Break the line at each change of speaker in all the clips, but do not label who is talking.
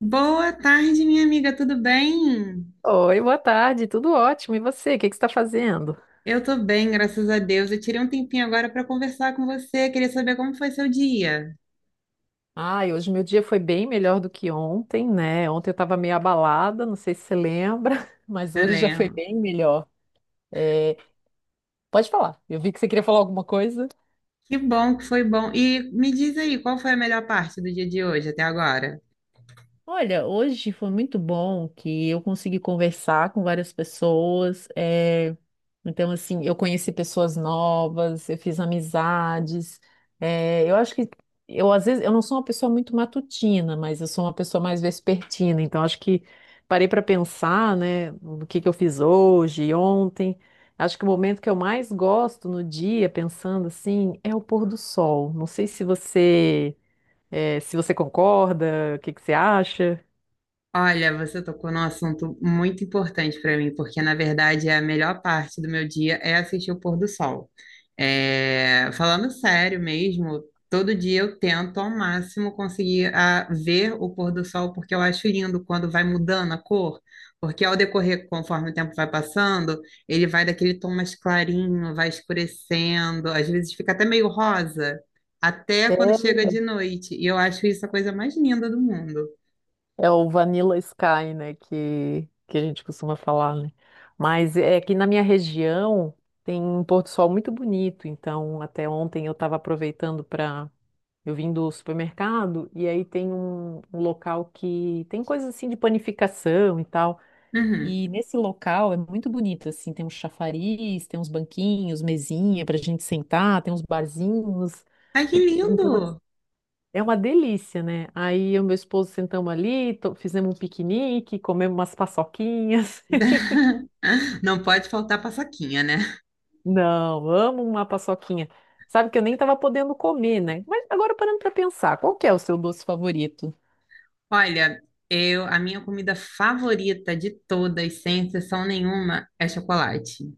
Boa tarde, minha amiga, tudo bem?
Oi, boa tarde, tudo ótimo. E você, o que que você está fazendo?
Eu tô bem, graças a Deus. Eu tirei um tempinho agora para conversar com você. Queria saber como foi seu dia.
Ai, hoje meu dia foi bem melhor do que ontem, né? Ontem eu estava meio abalada, não sei se você lembra, mas hoje já foi
Lembro.
bem melhor. É, pode falar, eu vi que você queria falar alguma coisa.
Que bom que foi bom. E me diz aí, qual foi a melhor parte do dia de hoje até agora?
Olha, hoje foi muito bom que eu consegui conversar com várias pessoas. Então, assim, eu conheci pessoas novas, eu fiz amizades. Eu acho que eu às vezes eu não sou uma pessoa muito matutina, mas eu sou uma pessoa mais vespertina. Então, acho que parei para pensar, né, no que eu fiz hoje, e ontem. Acho que o momento que eu mais gosto no dia, pensando assim, é o pôr do sol. Não sei se você, se você concorda, o que que você acha?
Olha, você tocou num assunto muito importante para mim, porque na verdade a melhor parte do meu dia é assistir o pôr do sol. É, falando sério mesmo, todo dia eu tento ao máximo conseguir ver o pôr do sol, porque eu acho lindo quando vai mudando a cor, porque ao decorrer, conforme o tempo vai passando, ele vai daquele tom mais clarinho, vai escurecendo, às vezes fica até meio rosa, até quando
É
chega de noite, e eu acho isso a coisa mais linda do mundo.
é, o Vanilla Sky, né, que a gente costuma falar, né? Mas é que na minha região tem um pôr do sol muito bonito, então até ontem eu estava aproveitando para eu vim do supermercado e aí tem um local que tem coisas assim de panificação e tal.
Uhum.
E nesse local é muito bonito, assim, tem uns chafariz, tem uns banquinhos, mesinha para a gente sentar, tem uns barzinhos.
Ai, que
Então
lindo!
é uma delícia, né? Aí eu e meu esposo sentamos ali, fizemos um piquenique, comemos umas paçoquinhas.
Não pode faltar paçoquinha, né?
Não, amo uma paçoquinha. Sabe que eu nem estava podendo comer, né? Mas agora parando para pensar, qual que é o seu doce favorito?
Olha, a minha comida favorita de todas, sem exceção nenhuma, é chocolate.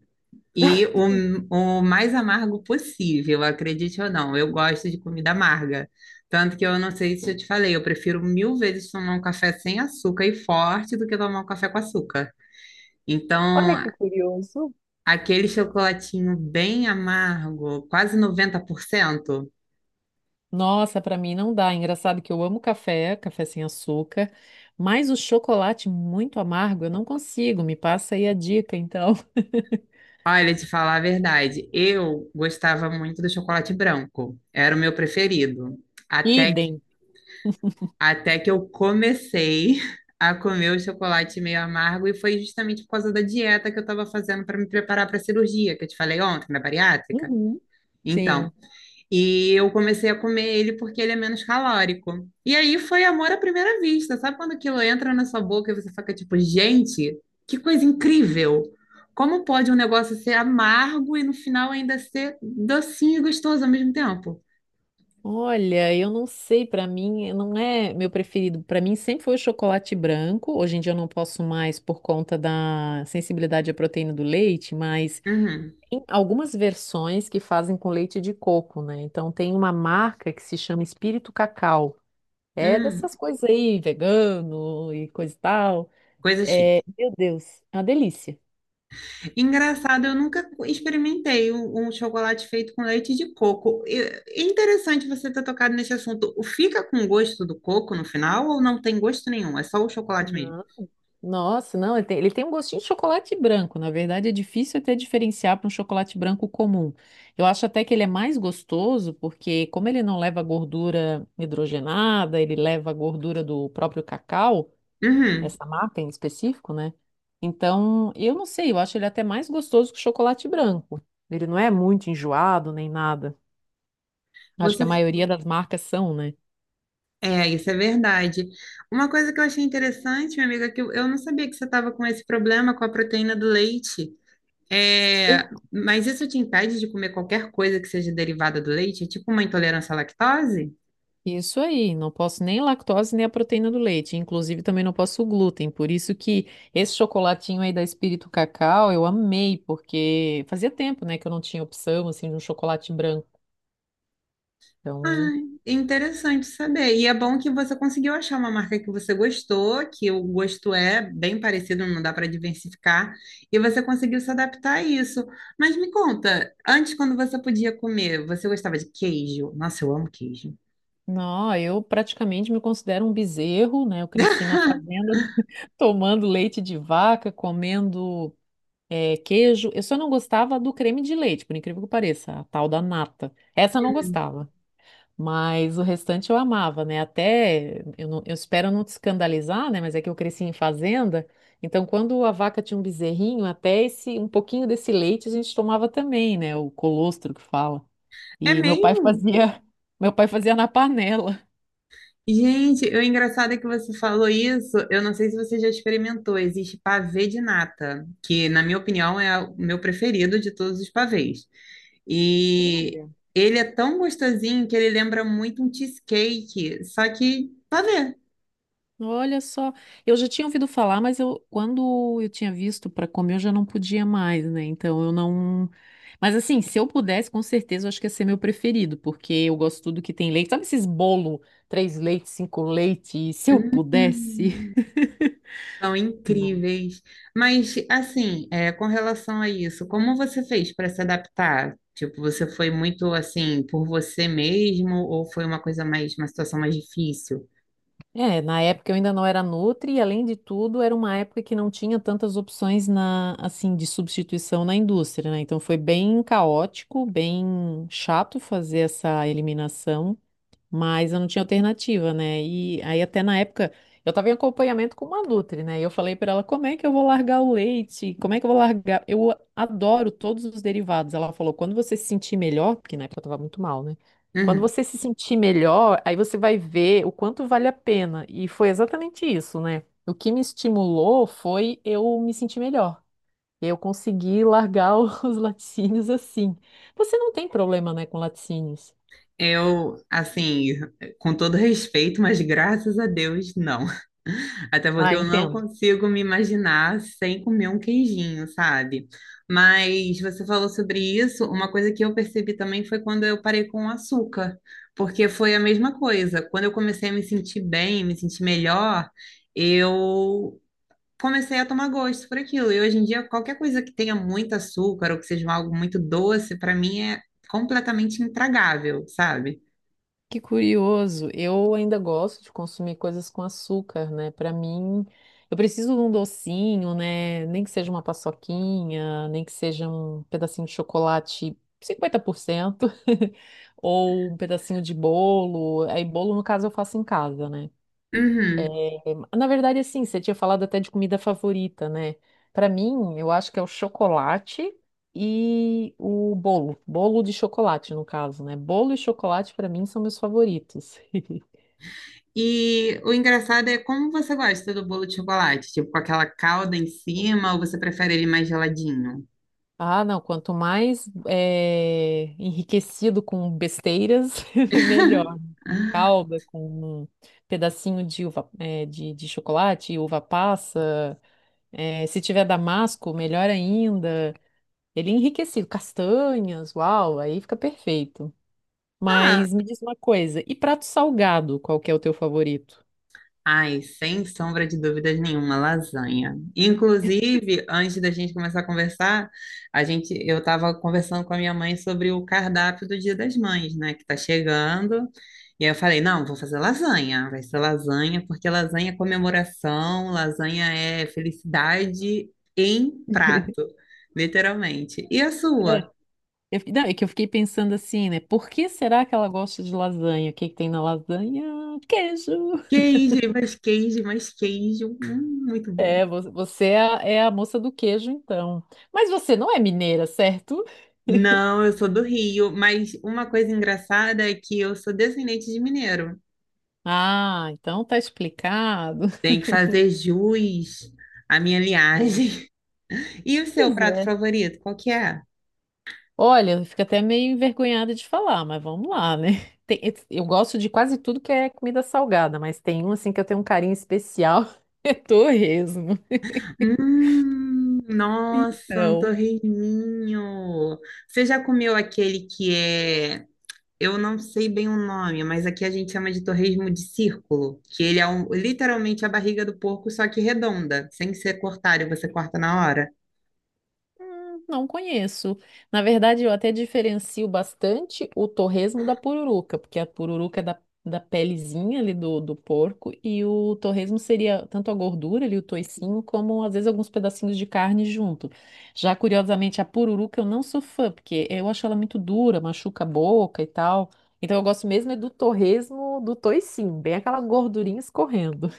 E o mais amargo possível, acredite ou não, eu gosto de comida amarga. Tanto que eu não sei se eu te falei, eu prefiro mil vezes tomar um café sem açúcar e forte do que tomar um café com açúcar.
Olha
Então,
que curioso.
aquele chocolatinho bem amargo, quase 90%.
Nossa, para mim não dá. Engraçado que eu amo café, café sem açúcar, mas o chocolate muito amargo eu não consigo. Me passa aí a dica, então.
Olha, te falar a verdade, eu gostava muito do chocolate branco, era o meu preferido. Até,
Idem.
até que eu comecei a comer o chocolate meio amargo, e foi justamente por causa da dieta que eu estava fazendo para me preparar para a cirurgia, que eu te falei ontem, na bariátrica.
Uhum.
Então,
Sim.
e eu comecei a comer ele porque ele é menos calórico. E aí foi amor à primeira vista. Sabe quando aquilo entra na sua boca e você fica tipo, gente, que coisa incrível! Como pode um negócio ser amargo e no final ainda ser docinho e gostoso ao mesmo tempo?
Olha, eu não sei, pra mim não é meu preferido. Pra mim sempre foi o chocolate branco. Hoje em dia eu não posso mais por conta da sensibilidade à proteína do leite, mas
Uhum.
tem algumas versões que fazem com leite de coco, né? Então tem uma marca que se chama Espírito Cacau. É
Hum,
dessas coisas aí, vegano e coisa e tal.
coisa chique.
Meu Deus, é uma delícia.
Engraçado, eu nunca experimentei um chocolate feito com leite de coco. É interessante você ter tocado nesse assunto. O Fica com gosto do coco no final ou não tem gosto nenhum? É só o chocolate mesmo?
Não. Nossa, não, ele tem um gostinho de chocolate branco. Na verdade, é difícil até diferenciar para um chocolate branco comum. Eu acho até que ele é mais gostoso, porque como ele não leva gordura hidrogenada, ele leva a gordura do próprio cacau,
Uhum.
essa marca em específico, né? Então, eu não sei, eu acho ele até mais gostoso que o chocolate branco. Ele não é muito enjoado nem nada. Acho que
Você,
a maioria das marcas são, né?
É, isso é verdade. Uma coisa que eu achei interessante, minha amiga, é que eu não sabia que você estava com esse problema com a proteína do leite. É, mas isso te impede de comer qualquer coisa que seja derivada do leite? É tipo uma intolerância à lactose?
Isso aí, não posso nem lactose nem a proteína do leite, inclusive também não posso o glúten, por isso que esse chocolatinho aí da Espírito Cacau eu amei, porque fazia tempo, né, que eu não tinha opção, assim, de um chocolate branco,
Ah,
então,
interessante saber. E é bom que você conseguiu achar uma marca que você gostou, que o gosto é bem parecido, não dá para diversificar, e você conseguiu se adaptar a isso. Mas me conta, antes, quando você podia comer, você gostava de queijo? Nossa, eu amo queijo.
não, eu praticamente me considero um bezerro, né, eu cresci na fazenda tomando leite de vaca, comendo queijo. Eu só não gostava do creme de leite, por incrível que pareça, a tal da nata, essa eu não gostava. Mas o restante eu amava, né? Até, eu, não- Eu espero não te escandalizar, né? Mas é que eu cresci em fazenda. Então, quando a vaca tinha um bezerrinho, até esse, um pouquinho desse leite a gente tomava também, né? O colostro que fala.
É
E meu pai
mesmo?
fazia, meu pai fazia na panela.
Gente, o engraçado é que você falou isso. Eu não sei se você já experimentou. Existe pavê de nata, que, na minha opinião, é o meu preferido de todos os pavês. E ele é tão gostosinho que ele lembra muito um cheesecake, só que pavê.
Olha só, eu já tinha ouvido falar, mas eu quando eu tinha visto para comer eu já não podia mais, né? Então eu não. Mas assim, se eu pudesse, com certeza eu acho que ia ser meu preferido, porque eu gosto tudo que tem leite. Sabe esses bolo, três leites, cinco leites? Se eu pudesse.
Hum. São
Não.
incríveis. Mas, assim, é, com relação a isso, como você fez para se adaptar? Tipo, você foi muito assim por você mesmo ou foi uma coisa mais, uma situação mais difícil?
É, na época eu ainda não era nutri e além de tudo era uma época que não tinha tantas opções na assim de substituição na indústria, né? Então foi bem caótico, bem chato fazer essa eliminação. Mas eu não tinha alternativa, né? E aí até na época eu estava em acompanhamento com uma nutri, né? E eu falei para ela, como é que eu vou largar o leite? Como é que eu vou largar? Eu adoro todos os derivados. Ela falou, quando você se sentir melhor, porque na época eu estava muito mal, né? Quando
Uhum.
você se sentir melhor, aí você vai ver o quanto vale a pena. E foi exatamente isso, né? O que me estimulou foi eu me sentir melhor. Eu consegui largar os laticínios assim. Você não tem problema, né, com laticínios?
Eu, assim, com todo respeito, mas graças a Deus, não. Até porque
Ah,
eu não
entendo.
consigo me imaginar sem comer um queijinho, sabe? Mas você falou sobre isso, uma coisa que eu percebi também foi quando eu parei com o açúcar, porque foi a mesma coisa. Quando eu comecei a me sentir bem, me sentir melhor, eu comecei a tomar gosto por aquilo. E hoje em dia, qualquer coisa que tenha muito açúcar ou que seja algo muito doce, para mim é completamente intragável, sabe?
Que curioso. Eu ainda gosto de consumir coisas com açúcar, né? Para mim, eu preciso de um docinho, né? Nem que seja uma paçoquinha, nem que seja um pedacinho de chocolate 50% ou um pedacinho de bolo. Aí, bolo, no caso, eu faço em casa, né?
Uhum.
É, na verdade, assim, você tinha falado até de comida favorita, né? Para mim, eu acho que é o chocolate e o bolo. Bolo de chocolate, no caso, né? Bolo e chocolate, para mim, são meus favoritos.
E o engraçado é como você gosta do bolo de chocolate, tipo com aquela calda em cima, ou você prefere ele mais geladinho?
Ah, não, quanto mais enriquecido com besteiras, melhor. Calda com um pedacinho de uva, de chocolate, uva passa. Se tiver damasco, melhor ainda. Ele é enriquecido, castanhas, uau, aí fica perfeito.
Ah,
Mas me diz uma coisa, e prato salgado, qual que é o teu favorito?
ai, sem sombra de dúvidas nenhuma, lasanha. Inclusive, antes da gente começar a conversar, a gente, eu estava conversando com a minha mãe sobre o cardápio do Dia das Mães, né, que está chegando. E aí eu falei, não, vou fazer lasanha, vai ser lasanha, porque lasanha é comemoração, lasanha é felicidade em prato, literalmente. E a
É.
sua?
Não, é que eu fiquei pensando assim, né? Por que será que ela gosta de lasanha? O que que tem na lasanha? Queijo.
Queijo, mais queijo, mais queijo, muito bom.
É, você é a moça do queijo, então. Mas você não é mineira, certo?
Não, eu sou do Rio, mas uma coisa engraçada é que eu sou descendente de mineiro.
Ah, então tá explicado.
Tem que fazer jus à minha
É.
linhagem. E o seu
Pois
prato
é.
favorito, qual que é?
Olha, eu fico até meio envergonhada de falar, mas vamos lá, né? Tem- eu gosto de quase tudo que é comida salgada, mas tem um assim que eu tenho um carinho especial, é torresmo.
Nossa, um
Então,
torresminho. Você já comeu aquele que é, eu não sei bem o nome, mas aqui a gente chama de torresmo de círculo, que ele é um- literalmente a barriga do porco, só que redonda, sem ser cortada, e você corta na hora.
não conheço. Na verdade, eu até diferencio bastante o torresmo da pururuca, porque a pururuca é da pelezinha ali do porco, e o torresmo seria tanto a gordura ali, o toicinho, como às vezes alguns pedacinhos de carne junto. Já curiosamente, a pururuca eu não sou fã, porque eu acho ela muito dura, machuca a boca e tal. Então eu gosto mesmo é do torresmo do toicinho, bem aquela gordurinha escorrendo.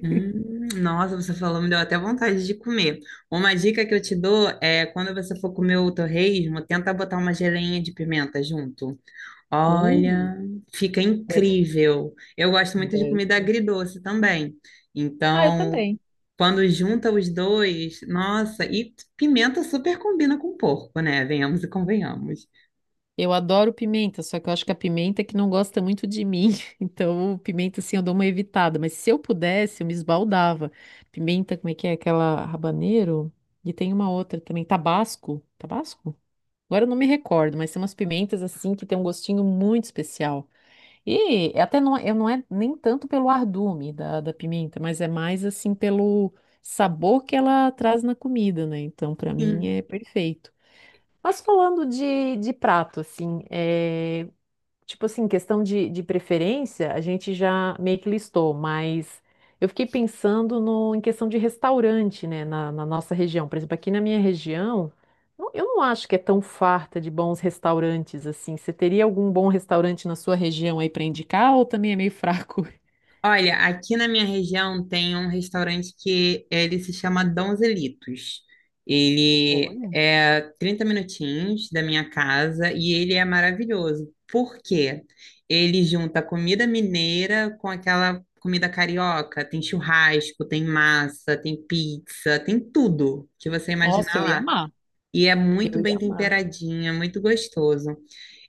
Hum, nossa, você falou, me deu até vontade de comer. Uma dica que eu te dou é quando você for comer o torresmo, tenta botar uma geleinha de pimenta junto.
Hum,
Olha, fica
deve,
incrível. Eu gosto muito de
deve.
comida agridoce também.
Ah, eu
Então,
também.
quando junta os dois, nossa, e pimenta super combina com porco, né? Venhamos e convenhamos.
Eu adoro pimenta, só que eu acho que a pimenta é que não gosta muito de mim. Então, pimenta, assim, eu dou uma evitada. Mas se eu pudesse, eu me esbaldava. Pimenta, como é que é? Aquela habanero? E tem uma outra também, tabasco. Tabasco? Agora eu não me recordo, mas tem umas pimentas, assim, que tem um gostinho muito especial. E até não, eu não é nem tanto pelo ardume da pimenta, mas é mais, assim, pelo sabor que ela traz na comida, né? Então, pra mim,
Sim.
é perfeito. Mas falando de prato, assim, é, tipo assim, questão de preferência, a gente já meio que listou, mas eu fiquei pensando no, em questão de restaurante, né, na nossa região. Por exemplo, aqui na minha região, eu não acho que é tão farta de bons restaurantes, assim. Você teria algum bom restaurante na sua região aí para indicar ou também é meio fraco?
Olha, aqui na minha região tem um restaurante que ele se chama Donzelitos. Ele
Olha.
é 30 minutinhos da minha casa e ele é maravilhoso. Por quê? Ele junta comida mineira com aquela comida carioca. Tem churrasco, tem massa, tem pizza, tem tudo que você
Nossa,
imaginar
eu ia
lá.
amar.
E é muito
Eu
bem
ia amar.
temperadinho, é muito gostoso.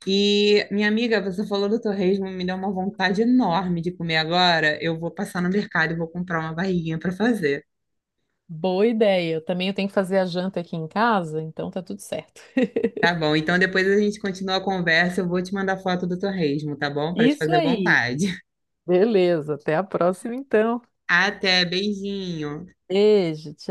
E, minha amiga, você falou do torresmo, me deu uma vontade enorme de comer agora. Eu vou passar no mercado e vou comprar uma barriguinha para fazer.
Boa ideia. Eu também eu tenho que fazer a janta aqui em casa, então tá tudo certo.
Tá bom, então depois a gente continua a conversa. Eu vou te mandar foto do torresmo, tá bom? Para te
Isso
fazer
aí.
vontade.
Beleza, até a próxima então.
Até, beijinho.
Beijo, tchau.